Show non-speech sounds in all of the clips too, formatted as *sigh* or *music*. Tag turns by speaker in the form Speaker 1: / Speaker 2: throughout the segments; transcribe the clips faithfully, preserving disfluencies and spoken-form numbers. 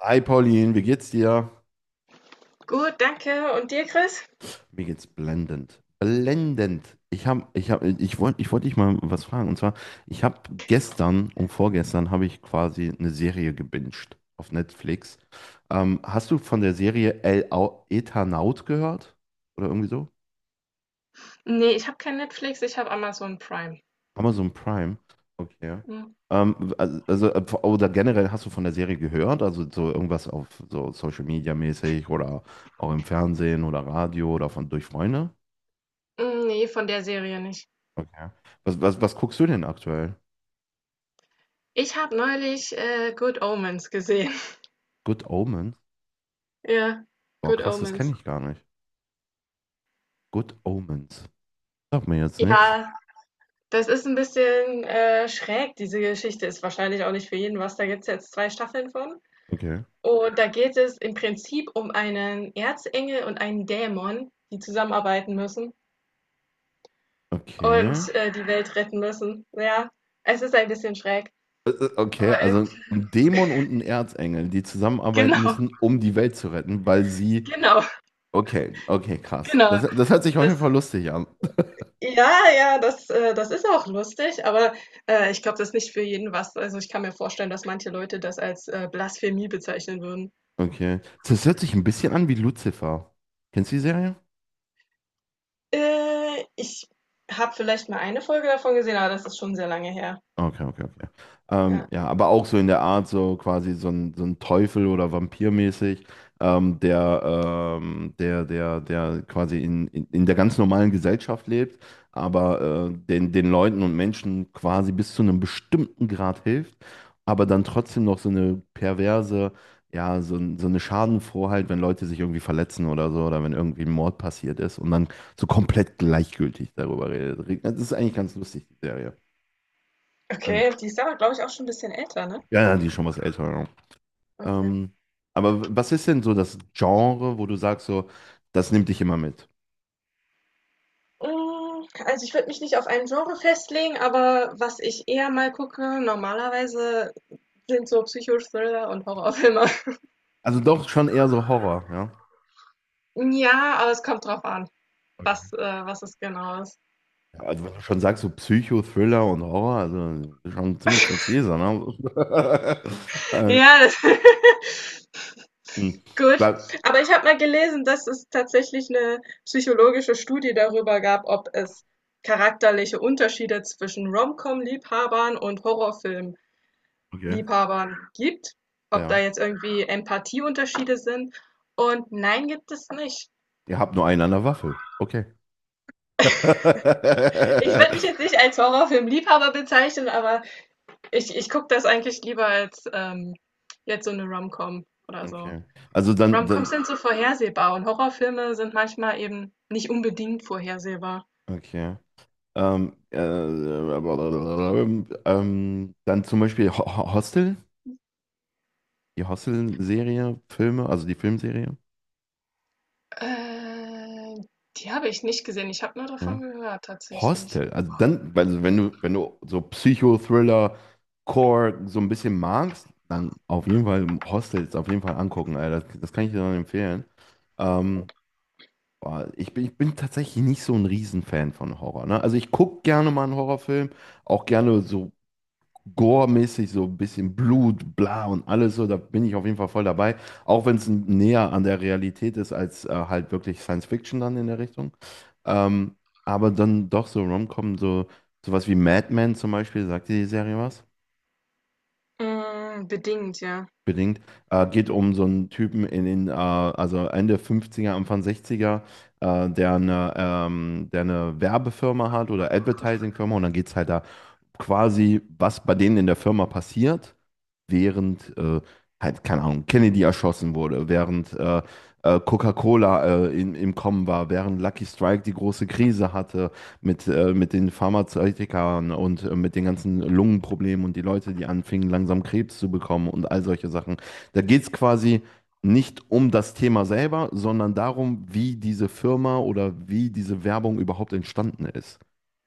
Speaker 1: Hi Pauline, wie geht's dir?
Speaker 2: Gut, danke. Und dir, Chris?
Speaker 1: Mir geht's blendend. Blendend. Ich hab, ich hab, ich wollte, ich wollte dich mal was fragen. Und zwar, ich habe gestern und vorgestern habe ich quasi eine Serie gebinged auf Netflix. Ähm, hast du von der Serie El Au- Eternaut gehört? Oder irgendwie so?
Speaker 2: Nee, ich habe kein Netflix, ich habe Amazon Prime.
Speaker 1: Amazon Prime. Okay.
Speaker 2: Hm.
Speaker 1: Ähm, also, also, äh, oder generell hast du von der Serie gehört? Also so irgendwas auf so Social Media mäßig oder auch im Fernsehen oder Radio oder von durch Freunde?
Speaker 2: Hm, nee, von der Serie nicht.
Speaker 1: Okay. Was, was, was guckst du denn aktuell?
Speaker 2: Ich habe neulich äh, Good Omens gesehen. *laughs*
Speaker 1: Good Omens?
Speaker 2: Ja,
Speaker 1: Boah,
Speaker 2: Good
Speaker 1: krass, das
Speaker 2: Omens.
Speaker 1: kenne ich gar nicht. Good Omens. Sag mir jetzt nichts.
Speaker 2: Ja, das ist ein bisschen äh, schräg, diese Geschichte. Ist wahrscheinlich auch nicht für jeden was. Da gibt es jetzt zwei Staffeln von.
Speaker 1: Okay.
Speaker 2: Und da geht es im Prinzip um einen Erzengel und einen Dämon, die zusammenarbeiten müssen
Speaker 1: Okay.
Speaker 2: und äh, die Welt retten müssen. Ja, es ist ein bisschen schräg.
Speaker 1: Äh, äh, Okay,
Speaker 2: Aber
Speaker 1: also
Speaker 2: irgendwie-
Speaker 1: ein Dämon und ein Erzengel, die
Speaker 2: *laughs*
Speaker 1: zusammenarbeiten
Speaker 2: genau,
Speaker 1: müssen, um die Welt zu retten, weil sie.
Speaker 2: genau.
Speaker 1: Okay, okay, krass. Das,
Speaker 2: Genau,
Speaker 1: das hört sich auf
Speaker 2: das
Speaker 1: jeden Fall lustig an.
Speaker 2: ja, ja, das, äh, das ist auch lustig, aber äh, ich glaube, das ist nicht für jeden was. Also ich kann mir vorstellen, dass manche Leute das als äh, Blasphemie bezeichnen würden.
Speaker 1: Okay. Das hört sich ein bisschen an wie Lucifer. Kennst du die Serie?
Speaker 2: Äh, ich habe vielleicht mal eine Folge davon gesehen, aber das ist schon sehr lange her.
Speaker 1: Okay, okay, okay. Ähm,
Speaker 2: Ja.
Speaker 1: ja, aber auch so in der Art, so quasi so ein, so ein Teufel oder Vampirmäßig, ähm, der, ähm, der, der, der quasi in, in, in der ganz normalen Gesellschaft lebt, aber äh, den, den Leuten und Menschen quasi bis zu einem bestimmten Grad hilft, aber dann trotzdem noch so eine perverse, ja, so, ein- so eine Schadenfrohheit, wenn Leute sich irgendwie verletzen oder so, oder wenn irgendwie ein Mord passiert ist und dann so komplett gleichgültig darüber redet. Das ist eigentlich ganz lustig, die Serie. Mhm.
Speaker 2: Okay, die ist aber, glaube ich, auch schon ein bisschen älter, ne?
Speaker 1: Ja, ja, die ist schon was älter, ja.
Speaker 2: Okay.
Speaker 1: Ähm, aber was ist denn so das Genre, wo du sagst, so, das nimmt dich immer mit?
Speaker 2: Mm, also ich würde mich nicht auf ein Genre festlegen, aber was ich eher mal gucke, normalerweise sind so Psychothriller und Horrorfilme. *laughs*
Speaker 1: Also doch schon eher so Horror, ja.
Speaker 2: Ja, aber es kommt drauf an, was, äh, was es genau ist.
Speaker 1: Ja, also wenn du schon sagst, so Psycho, Thriller und Horror, also schon ziemlich präzise, ne? *laughs* äh,
Speaker 2: Ja, das *laughs*
Speaker 1: hm.
Speaker 2: gut.
Speaker 1: Ba-
Speaker 2: Aber ich habe mal gelesen, dass es tatsächlich eine psychologische Studie darüber gab, ob es charakterliche Unterschiede zwischen Rom-Com-Liebhabern und
Speaker 1: okay,
Speaker 2: Horrorfilm-Liebhabern gibt. Ob da
Speaker 1: ja.
Speaker 2: jetzt irgendwie Empathieunterschiede sind. Und nein, gibt es nicht.
Speaker 1: Ihr habt nur einen an der Waffel. Okay.
Speaker 2: Ich würde mich jetzt
Speaker 1: *laughs*
Speaker 2: nicht als Horrorfilm-Liebhaber bezeichnen, aber ich, ich gucke das eigentlich lieber als ähm, jetzt so eine Rom-Com oder so.
Speaker 1: Okay. Also dann,
Speaker 2: Romcoms
Speaker 1: dann,
Speaker 2: sind so vorhersehbar und Horrorfilme sind manchmal eben nicht unbedingt vorhersehbar.
Speaker 1: okay. Ähm, äh, äh, ähm, dann zum Beispiel Ho- Ho- Hostel? Die Hostel-Serie, Filme, also die Filmserie.
Speaker 2: Äh, die habe ich nicht gesehen. Ich habe nur davon
Speaker 1: Ne?
Speaker 2: gehört, tatsächlich.
Speaker 1: Hostel, also dann, also wenn du, wenn du so Psychothriller, Core so ein bisschen magst, dann auf jeden Fall Hostels auf jeden Fall angucken, Alter. Das, das kann ich dir dann empfehlen. Ähm, Boah, ich bin, ich bin tatsächlich nicht so ein Riesenfan von Horror, ne? Also ich gucke gerne mal einen Horrorfilm, auch gerne so Gore-mäßig, so ein bisschen Blut, bla und alles so, da bin ich auf jeden Fall voll dabei. Auch wenn es näher an der Realität ist als äh, halt wirklich Science Fiction dann in der Richtung. Ähm, aber dann doch so Rom-Com, so sowas wie Mad Men zum Beispiel, sagt dir die Serie was?
Speaker 2: Mm, bedingt, ja.
Speaker 1: Bedingt. Äh, geht um so einen Typen in den, äh, also Ende fünfziger, Anfang sechziger, äh, der eine, ähm, der eine Werbefirma hat oder Advertising-Firma, und dann geht es halt da quasi, was bei denen in der Firma passiert, während äh, halt, keine Ahnung, Kennedy erschossen wurde, während äh, äh, Coca-Cola äh, in, im Kommen war, während Lucky Strike die große Krise hatte mit, äh, mit den Pharmazeutikern und äh, mit den ganzen Lungenproblemen und die Leute, die anfingen, langsam Krebs zu bekommen und all solche Sachen. Da geht es quasi nicht um das Thema selber, sondern darum, wie diese Firma oder wie diese Werbung überhaupt entstanden ist.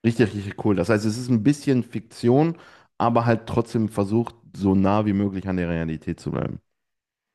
Speaker 1: Richtig, richtig cool. Das heißt, es ist ein bisschen Fiktion, aber halt trotzdem versucht, so nah wie möglich an der Realität zu bleiben.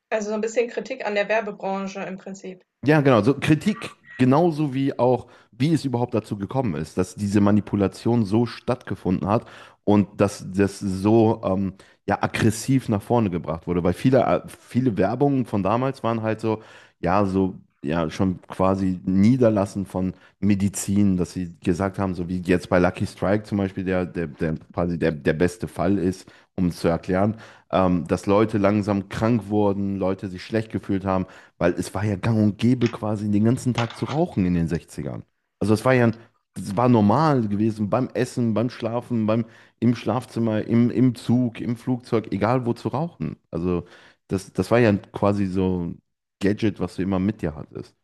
Speaker 2: Also so ein bisschen Kritik an der Werbebranche im Prinzip.
Speaker 1: Ja, genau. So Kritik genauso wie auch, wie es überhaupt dazu gekommen ist, dass diese Manipulation so stattgefunden hat und dass das so ähm, ja, aggressiv nach vorne gebracht wurde. Weil viele, äh, viele Werbungen von damals waren halt so, ja, so. Ja, schon quasi Niederlassen von Medizin, dass sie gesagt haben, so wie jetzt bei Lucky Strike zum Beispiel, der, der, der quasi der, der beste Fall ist, um es zu erklären, ähm, dass Leute langsam krank wurden, Leute sich schlecht gefühlt haben, weil es war ja gang und gäbe, quasi den ganzen Tag zu rauchen in den Sechzigern. Also es war ja, das war normal gewesen, beim Essen, beim Schlafen, beim, im Schlafzimmer, im, im Zug, im Flugzeug, egal wo zu rauchen. Also das, das war ja quasi so ein Gadget, was du immer mit dir hattest.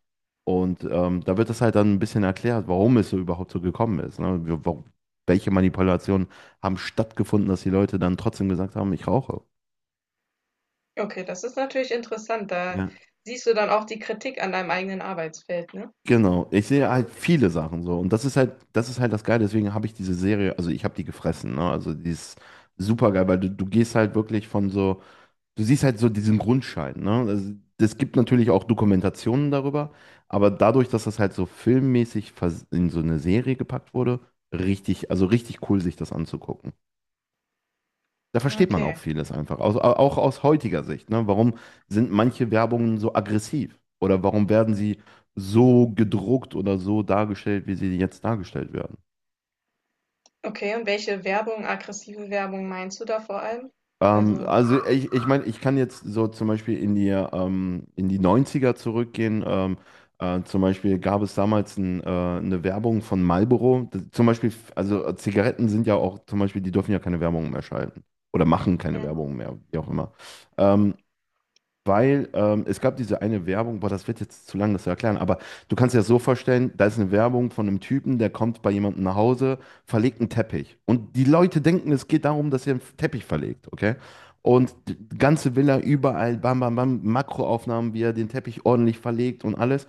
Speaker 1: Und ähm, da wird das halt dann ein bisschen erklärt, warum es so überhaupt so gekommen ist. Ne? Wir- wa- Welche Manipulationen haben stattgefunden, dass die Leute dann trotzdem gesagt haben, ich rauche.
Speaker 2: Okay, das ist natürlich interessant. Da siehst du dann auch die Kritik an deinem eigenen Arbeitsfeld, ne?
Speaker 1: Genau, ich sehe halt viele Sachen so, und das ist halt, das ist halt das Geile, deswegen habe ich diese Serie, also ich habe die gefressen, ne? Also die ist super geil, weil du, du gehst halt wirklich von so, du siehst halt so diesen Grundschein, ne? Also es gibt natürlich auch Dokumentationen darüber, aber dadurch, dass das halt so filmmäßig vers- in so eine Serie gepackt wurde, richtig, also richtig cool, sich das anzugucken. Da
Speaker 2: Ja,
Speaker 1: versteht man
Speaker 2: okay.
Speaker 1: auch vieles einfach, aus, auch aus heutiger Sicht. Ne? Warum sind manche Werbungen so aggressiv? Oder warum werden sie so gedruckt oder so dargestellt, wie sie jetzt dargestellt werden?
Speaker 2: Okay, und welche Werbung, aggressive Werbung meinst du da vor allem?
Speaker 1: Ähm,
Speaker 2: Also,
Speaker 1: also ich, ich meine, ich kann jetzt so zum Beispiel in die, ähm, in die Neunziger zurückgehen. Ähm, äh, zum Beispiel gab es damals ein, äh, eine Werbung von Marlboro. Das, zum Beispiel, also äh, Zigaretten sind ja auch, zum Beispiel, die dürfen ja keine Werbung mehr schalten. Oder machen keine Werbung mehr, wie auch immer. Ähm, Weil ähm, Es gab diese eine Werbung, boah, das wird jetzt zu lang, das zu erklären, aber du kannst dir das so vorstellen, da ist eine Werbung von einem Typen, der kommt bei jemandem nach Hause, verlegt einen Teppich. Und die Leute denken, es geht darum, dass er einen Teppich verlegt, okay? Und die ganze Villa überall, bam, bam, bam, Makroaufnahmen, wie er den Teppich ordentlich verlegt und alles.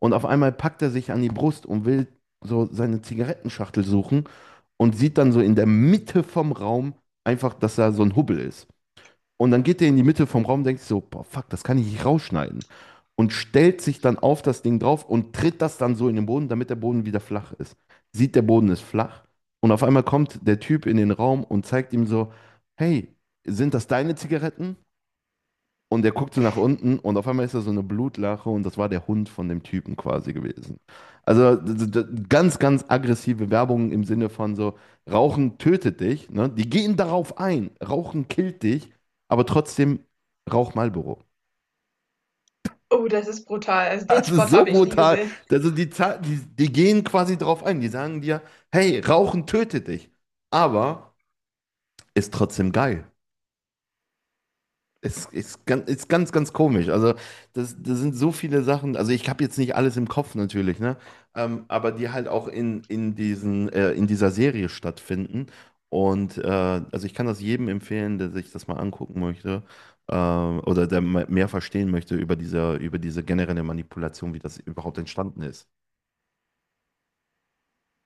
Speaker 1: Und auf einmal packt er sich an die Brust und will so seine Zigarettenschachtel suchen und sieht dann so in der Mitte vom Raum einfach, dass da so ein Hubbel ist. Und dann geht der in die Mitte vom Raum, denkt sich so, boah, fuck, das kann ich nicht rausschneiden. Und stellt sich dann auf das Ding drauf und tritt das dann so in den Boden, damit der Boden wieder flach ist. Sieht, der Boden ist flach. Und auf einmal kommt der Typ in den Raum und zeigt ihm so, hey, sind das deine Zigaretten? Und der guckt so nach unten und auf einmal ist da so eine Blutlache und das war der Hund von dem Typen quasi gewesen. Also d- d- d- ganz, ganz aggressive Werbung im Sinne von so, Rauchen tötet dich, ne? Die gehen darauf ein, Rauchen killt dich, aber trotzdem rauch Marlboro. *laughs*
Speaker 2: oh, das ist brutal. Also den
Speaker 1: Also
Speaker 2: Spot
Speaker 1: so
Speaker 2: habe ich nie
Speaker 1: brutal.
Speaker 2: gesehen.
Speaker 1: Also die, Za- die, die gehen quasi drauf ein, die sagen dir, hey, Rauchen tötet dich, aber ist trotzdem geil. Ist, ist, ganz, ist ganz, ganz komisch. Also, das, das sind so viele Sachen. Also, ich habe jetzt nicht alles im Kopf natürlich, ne? Ähm, aber die halt auch in, in diesen, äh, in dieser Serie stattfinden. Und äh, also ich kann das jedem empfehlen, der sich das mal angucken möchte, äh, oder der me- mehr verstehen möchte über diese, über diese generelle Manipulation, wie das überhaupt entstanden ist.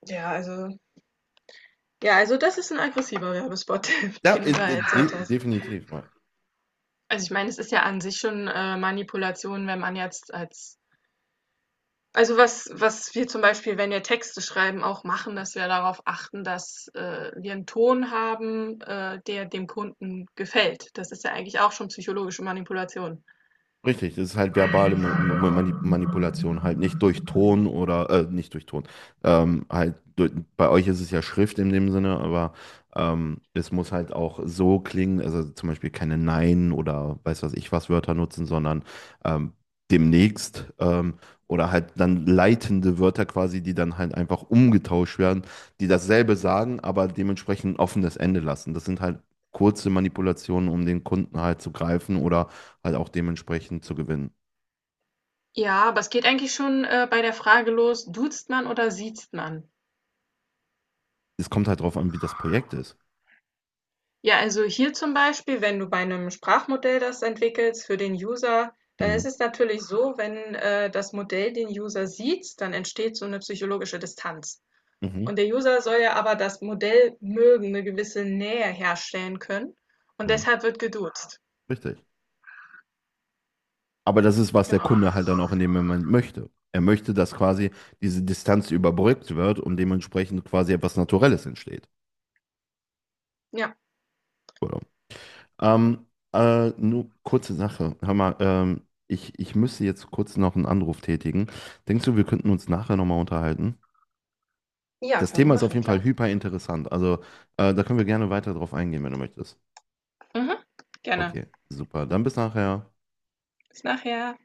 Speaker 2: Ja, also Ja, also das ist ein aggressiver Werbespot, *laughs*
Speaker 1: Ja,
Speaker 2: den du
Speaker 1: ist,
Speaker 2: da erzählt
Speaker 1: de
Speaker 2: hast.
Speaker 1: definitiv, ja.
Speaker 2: Also, ich meine, es ist ja an sich schon, äh, Manipulation, wenn man jetzt als Also, was was wir zum Beispiel, wenn wir Texte schreiben, auch machen, dass wir darauf achten, dass, äh, wir einen Ton haben, äh, der dem Kunden gefällt. Das ist ja eigentlich auch schon psychologische Manipulation.
Speaker 1: Richtig, das ist halt verbale Mu- Mu- Mani- Manipulation, halt nicht durch Ton oder, äh, nicht durch Ton, ähm, halt, durch, bei euch ist es ja Schrift in dem Sinne, aber ähm, es muss halt auch so klingen, also zum Beispiel keine Nein oder weiß was ich was Wörter nutzen, sondern ähm, demnächst ähm, oder halt dann leitende Wörter quasi, die dann halt einfach umgetauscht werden, die dasselbe sagen, aber dementsprechend ein offenes Ende lassen. Das sind halt kurze Manipulationen, um den Kunden halt zu greifen oder halt auch dementsprechend zu gewinnen.
Speaker 2: Ja, aber es geht eigentlich schon, äh, bei der Frage los: Duzt man oder siezt man?
Speaker 1: Es kommt halt drauf an, wie das Projekt ist.
Speaker 2: Ja, also hier zum Beispiel, wenn du bei einem Sprachmodell das entwickelst für den User, dann
Speaker 1: Mhm.
Speaker 2: ist es natürlich so, wenn, äh, das Modell den User sieht, dann entsteht so eine psychologische Distanz.
Speaker 1: Mhm.
Speaker 2: Und der User soll ja aber das Modell mögen, eine gewisse Nähe herstellen können und
Speaker 1: Ja,
Speaker 2: deshalb wird geduzt.
Speaker 1: richtig. Aber das ist, was der
Speaker 2: Genau.
Speaker 1: Kunde halt dann auch in dem Moment möchte. Er möchte, dass quasi diese Distanz überbrückt wird und dementsprechend quasi etwas Naturelles entsteht.
Speaker 2: Ja.
Speaker 1: Oder? Ähm, äh, Nur kurze Sache. Hör mal, ähm, ich, ich müsste jetzt kurz noch einen Anruf tätigen. Denkst du, wir könnten uns nachher nochmal unterhalten?
Speaker 2: Ja,
Speaker 1: Das
Speaker 2: kann man
Speaker 1: Thema ist auf
Speaker 2: machen,
Speaker 1: jeden
Speaker 2: klar.
Speaker 1: Fall hyper interessant. Also, äh, da können wir gerne weiter drauf eingehen, wenn du möchtest.
Speaker 2: Mhm. Gerne.
Speaker 1: Okay, super. Dann bis nachher.
Speaker 2: Bis nachher.